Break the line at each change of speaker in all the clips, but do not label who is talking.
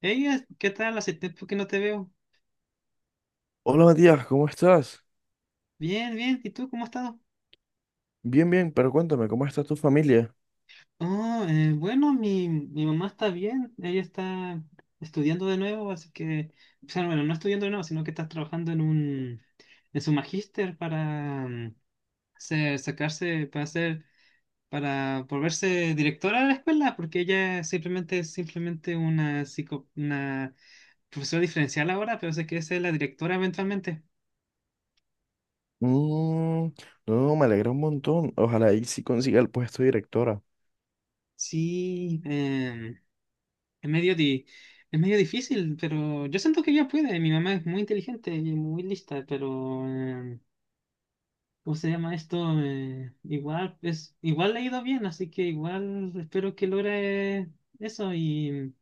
Ella, ¿qué tal? Hace tiempo que no te veo.
Hola Matías, ¿cómo estás?
Bien, bien. ¿Y tú cómo has estado?
Bien, bien, pero cuéntame, ¿cómo está tu familia?
Mi mamá está bien. Ella está estudiando de nuevo, o sea, no estudiando de nuevo, sino que está trabajando en su magíster para sacarse, para volverse directora de la escuela, porque ella simplemente es simplemente una profesora diferencial ahora, pero sé que es la directora eventualmente.
Mm, no, me alegra un montón. Ojalá y sí consiga el puesto de directora.
Sí, es es medio difícil, pero yo siento que ella puede. Mi mamá es muy inteligente y muy lista, pero ¿cómo se llama esto? Igual le ha ido bien, así que igual espero que logre eso. Y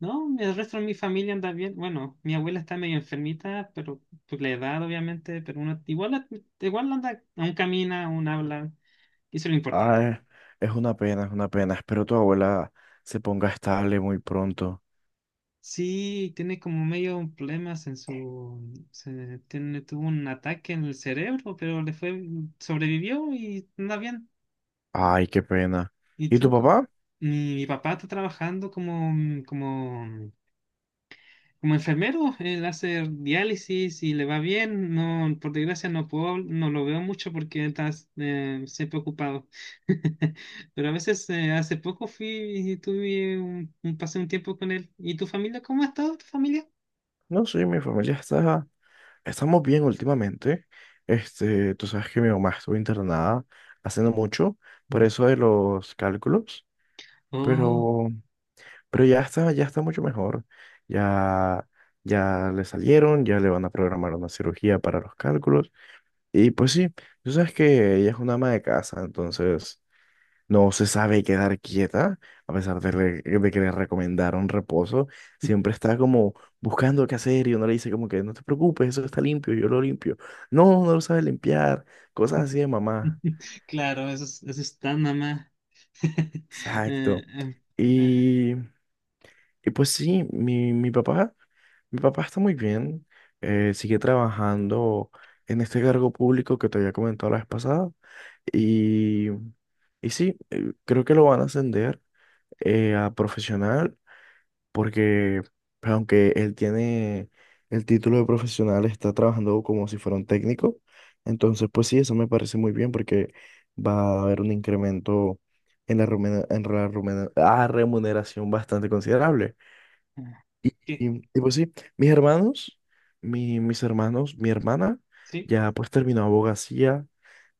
no, el resto de mi familia anda bien. Bueno, mi abuela está medio enfermita, pero por la edad, obviamente, pero uno igual, igual anda, aún camina, aún habla, y eso es lo importante.
Ah, es una pena, es una pena. Espero tu abuela se ponga estable muy pronto.
Sí, tiene como medio problemas en su... tiene, tuvo un ataque en el cerebro, pero le fue... sobrevivió y anda bien.
Ay, qué pena.
Y
¿Y tu
tú... co-
papá?
Mi, mi papá está trabajando como enfermero, él hace diálisis y le va bien. No, por desgracia no puedo, no lo veo mucho porque está siempre ocupado. Pero a veces, hace poco fui y pasé un tiempo con él. ¿Y tu familia? ¿Cómo ha estado tu familia?
No, sí, mi familia está... Estamos bien últimamente. Este, tú sabes que mi mamá estuvo internada hace no mucho, por eso de los cálculos.
Oh.
Pero Pero ya está mucho mejor. Ya, ya le salieron, ya le van a programar una cirugía para los cálculos. Y pues sí, tú sabes que ella es una ama de casa, entonces no se sabe quedar quieta, a pesar de, de que le recomendaron reposo. Siempre está como buscando qué hacer y uno le dice como que no te preocupes, eso está limpio, yo lo limpio. No, no lo sabe limpiar, cosas así de mamá.
Claro, eso es, eso está, mamá. Eh,
Exacto.
eh, eh,
Y, y pues sí, mi papá. Mi papá está muy bien, sigue trabajando en este cargo público que te había comentado la vez pasada y, y sí, creo que lo van a ascender a profesional porque aunque él tiene el título de profesional, está trabajando como si fuera un técnico. Entonces, pues sí, eso me parece muy bien porque va a haber un incremento en la, remuneración bastante considerable.
eh,
Y,
¿Qué?
y pues sí, mis hermanos, mis hermanos, mi hermana
¿Sí?
ya pues terminó abogacía,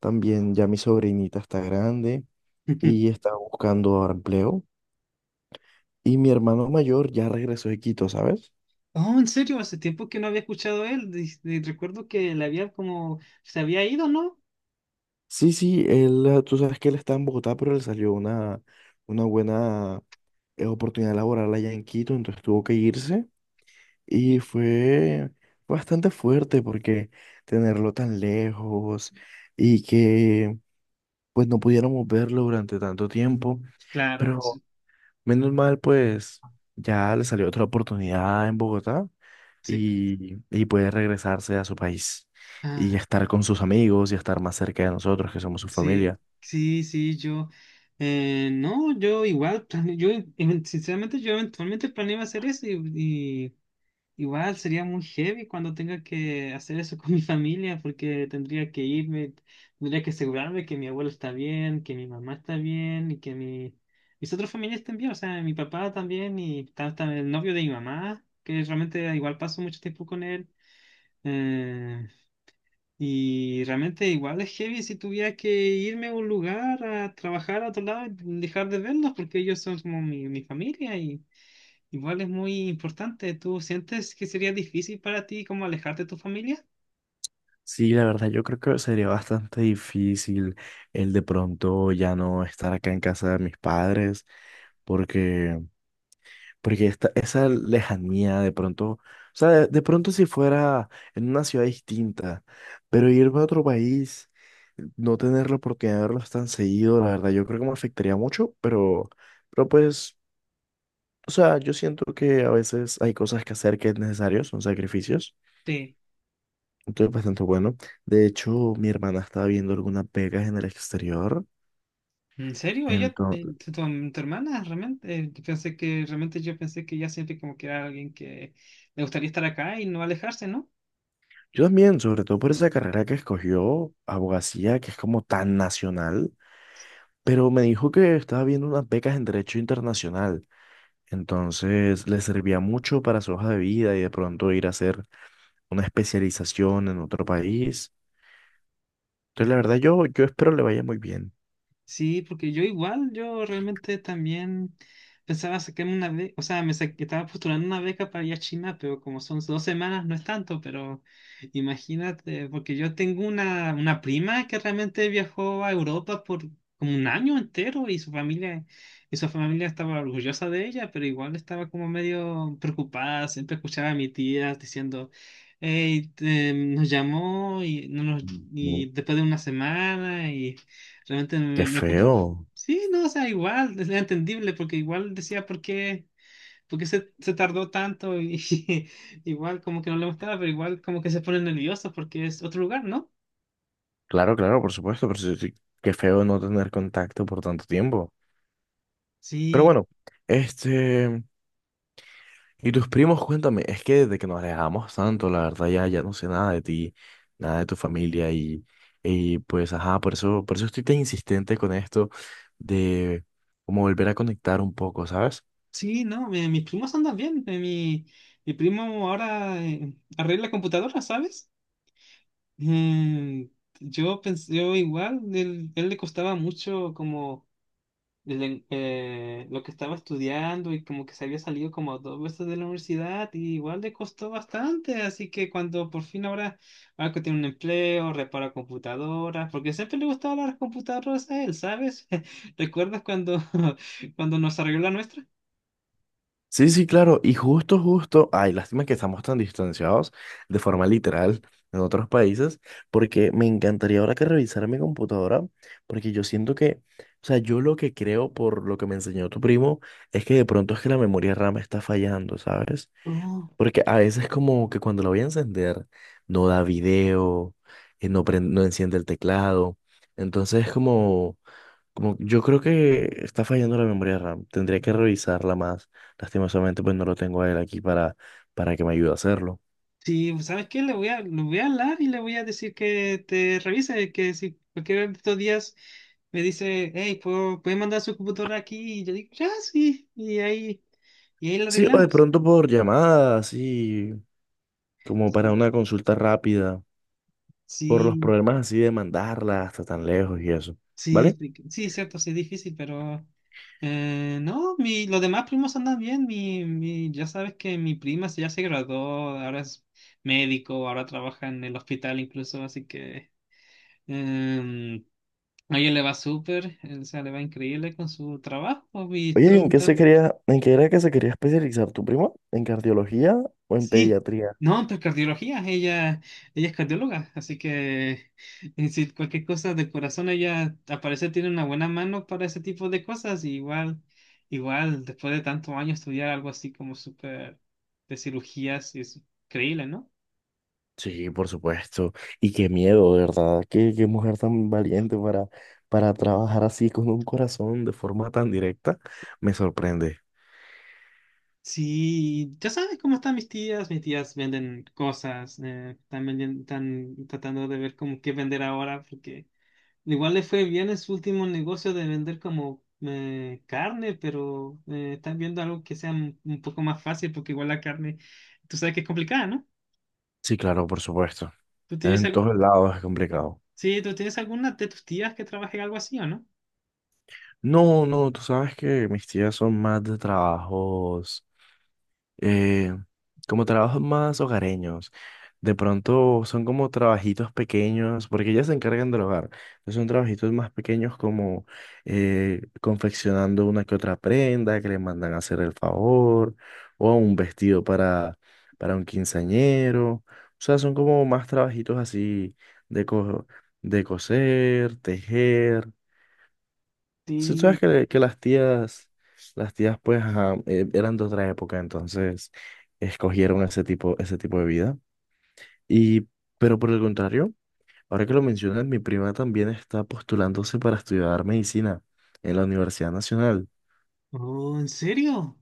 también ya mi sobrinita está grande y está buscando ahora empleo. Y mi hermano mayor ya regresó de Quito, ¿sabes?
Oh, ¿en serio? Hace tiempo que no había escuchado él. Y recuerdo que le había como se había ido, ¿no?
Sí, sí, él, tú sabes que él está en Bogotá, pero le salió una buena oportunidad laboral allá en Quito, entonces tuvo que irse y
Eh,
fue bastante fuerte porque tenerlo tan lejos y que pues no pudiéramos verlo durante tanto tiempo,
Claro, sí.
pero menos mal, pues ya le salió otra oportunidad en Bogotá
Sí.
y puede regresarse a su país y
Ah,
estar con sus amigos y estar más cerca de nosotros, que somos su
sí,
familia.
sí, sí, yo no, yo igual, plane- yo sinceramente, yo eventualmente planeaba hacer eso. Y, Igual sería muy heavy cuando tenga que hacer eso con mi familia, porque tendría que irme, tendría que asegurarme que mi abuelo está bien, que mi mamá está bien y que mis otros familiares estén bien, o sea, mi papá también y hasta el novio de mi mamá, que realmente igual paso mucho tiempo con él. Eh, y realmente igual es heavy si tuviera que irme a un lugar a trabajar a otro lado y dejar de verlos, porque ellos son como mi familia. Y... Igual es muy importante. ¿Tú sientes que sería difícil para ti como alejarte de tu familia?
Sí, la verdad, yo creo que sería bastante difícil el de pronto ya no estar acá en casa de mis padres, porque Porque esta, esa lejanía de pronto, o sea, de pronto si fuera en una ciudad distinta, pero irme a otro país, no tener la oportunidad de verlos tan seguido, la verdad, yo creo que me afectaría mucho, pero pues, o sea, yo siento que a veces hay cosas que hacer que es necesario, son sacrificios,
Sí.
entonces bastante bueno. De hecho, mi hermana estaba viendo algunas becas en el exterior.
¿En serio? Ella,
Entonces,
tu hermana, realmente, yo pensé que realmente yo pensé que ella siempre como que era alguien que le gustaría estar acá y no alejarse, ¿no?
yo también, sobre todo por esa carrera que escogió, abogacía, que es como tan nacional. Pero me dijo que estaba viendo unas becas en Derecho Internacional. Entonces le servía mucho para su hoja de vida y de pronto ir a hacer una especialización en otro país. Entonces, la verdad, yo espero le vaya muy bien.
Sí, porque yo igual, yo realmente también pensaba sacarme una beca, o sea, estaba postulando una beca para ir a China, pero como son dos semanas no es tanto, pero imagínate, porque yo tengo una prima que realmente viajó a Europa por como un año entero y su familia estaba orgullosa de ella, pero igual estaba como medio preocupada, siempre escuchaba a mi tía diciendo: "Ey, nos llamó y, no nos,
Ujú.
y después de una semana y realmente
Qué
me preocupa".
feo.
Sí, no, o sea, igual, es entendible, porque igual decía por qué se tardó tanto y igual como que no le gustaba, pero igual como que se pone nervioso porque es otro lugar, ¿no?
Claro, claro, por supuesto, pero sí, qué feo no tener contacto por tanto tiempo. Pero
Sí,
bueno, este, y tus primos, cuéntame, es que desde que nos alejamos tanto, la verdad ya, ya no sé nada de ti, nada de tu familia y pues ajá, por eso estoy tan insistente con esto de como volver a conectar un poco, ¿sabes?
sí, no, mis primos andan bien. Mi, mi primo ahora arregla computadoras, ¿sabes? Mm, yo pensé, yo igual, él le costaba mucho como lo que estaba estudiando y como que se había salido como dos veces de la universidad y igual le costó bastante, así que cuando por fin ahora, ahora que tiene un empleo, repara computadoras, porque siempre le gustaban las computadoras a él, ¿sabes? ¿Recuerdas cuando, cuando nos arregló la nuestra?
Sí, sí, claro, y justo, justo, ay, lástima que estamos tan distanciados de forma literal en otros países, porque me encantaría ahora que revisara mi computadora, porque yo siento que, o sea, yo lo que creo por lo que me enseñó tu primo es que de pronto es que la memoria RAM está fallando, ¿sabes?
Oh.
Porque a veces como que cuando la voy a encender, no da video, no, no enciende el teclado. Entonces como, como yo creo que está fallando la memoria RAM. Tendría que revisarla más. Lastimosamente pues no lo tengo a él aquí para que me ayude a hacerlo.
Sí, ¿sabes qué? Le voy a hablar y le voy a decir que te revise, que si cualquiera de estos días me dice: "Hey, ¿puede mandar su computadora aquí?" Y yo digo: "Ya, sí", y y ahí lo
Sí, o de
arreglamos.
pronto por llamada, así como para
Sí,
una consulta rápida, por los
sí,
problemas así de mandarla hasta tan lejos y eso.
sí,
¿Vale?
sí, sí, cierto, sí es difícil, pero no, mi, los demás primos andan bien, mi, ya sabes que mi prima ya se graduó, ahora es médico, ahora trabaja en el hospital incluso, así que... em, A ella le va súper, o sea, le va increíble con su trabajo y
Oye, ¿y en
todo,
qué se
todo.
quería, en qué era que se quería especializar tu primo? ¿En cardiología o en
Sí,
pediatría?
no, entonces cardiología, ella es cardióloga, así que si cualquier cosa del corazón, ella al parecer tiene una buena mano para ese tipo de cosas, y igual, igual, después de tantos años estudiar algo así como súper de cirugías, es increíble, ¿no?
Sí, por supuesto. Y qué miedo, de verdad. Qué, qué mujer tan valiente para trabajar así con un corazón de forma tan directa. Me sorprende.
Sí, ya sabes cómo están mis tías. Mis tías venden cosas, están tratando de ver cómo qué vender ahora, porque igual le fue bien en su último negocio de vender como carne, pero están viendo algo que sea un poco más fácil, porque igual la carne, tú sabes que es complicada, ¿no?
Sí, claro, por supuesto.
¿Tú tienes,
En
al-
todos lados es complicado.
sí, ¿tú tienes alguna de tus tías que trabaje en algo así o no?
No, no, tú sabes que mis tías son más de trabajos, eh, como trabajos más hogareños. De pronto son como trabajitos pequeños, porque ellas se encargan del hogar. Entonces son trabajitos más pequeños como confeccionando una que otra prenda que le mandan a hacer el favor, o un vestido para un quinceañero. O sea, son como más trabajitos así de, de coser, tejer. Si tú sabes
Sí.
que, que las tías pues ajá, eran de otra época, entonces escogieron ese tipo de vida. Y, pero por el contrario, ahora que lo mencionas, mi prima también está postulándose para estudiar medicina en la Universidad Nacional.
Oh, ¿en serio?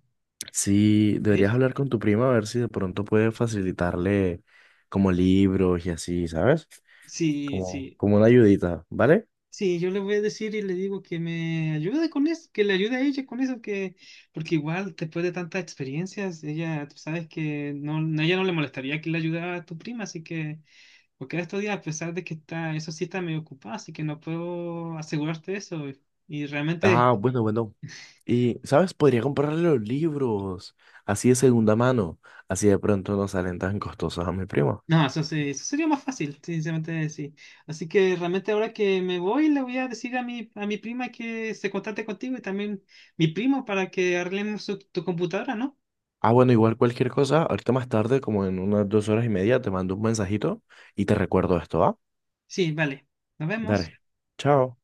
Sí, deberías
¿Eh?
hablar con tu prima a ver si de pronto puede facilitarle como libros y así, ¿sabes?
Sí,
Como,
sí.
como una ayudita, ¿vale?
Sí, yo le voy a decir y le digo que me ayude con eso, que le ayude a ella con eso, que porque igual después de tantas experiencias, ella, tú sabes que no, a ella no le molestaría que le ayudara a tu prima, así que porque en estos días, a pesar de que está, eso sí está medio ocupado, así que no puedo asegurarte eso. Y realmente,
Ah, bueno, bueno. Y, ¿sabes? Podría comprarle los libros, así de segunda mano, así de pronto no salen tan costosos a mi primo.
no, eso, eso sería más fácil, sinceramente, sí. Así que realmente ahora que me voy, le voy a decir a a mi prima que se contacte contigo y también mi primo para que arreglemos tu computadora, ¿no?
Ah, bueno, igual cualquier cosa, ahorita más tarde, como en unas 2 horas y media, te mando un mensajito y te recuerdo esto, ¿va?
Sí, vale. Nos vemos.
Dale, chao.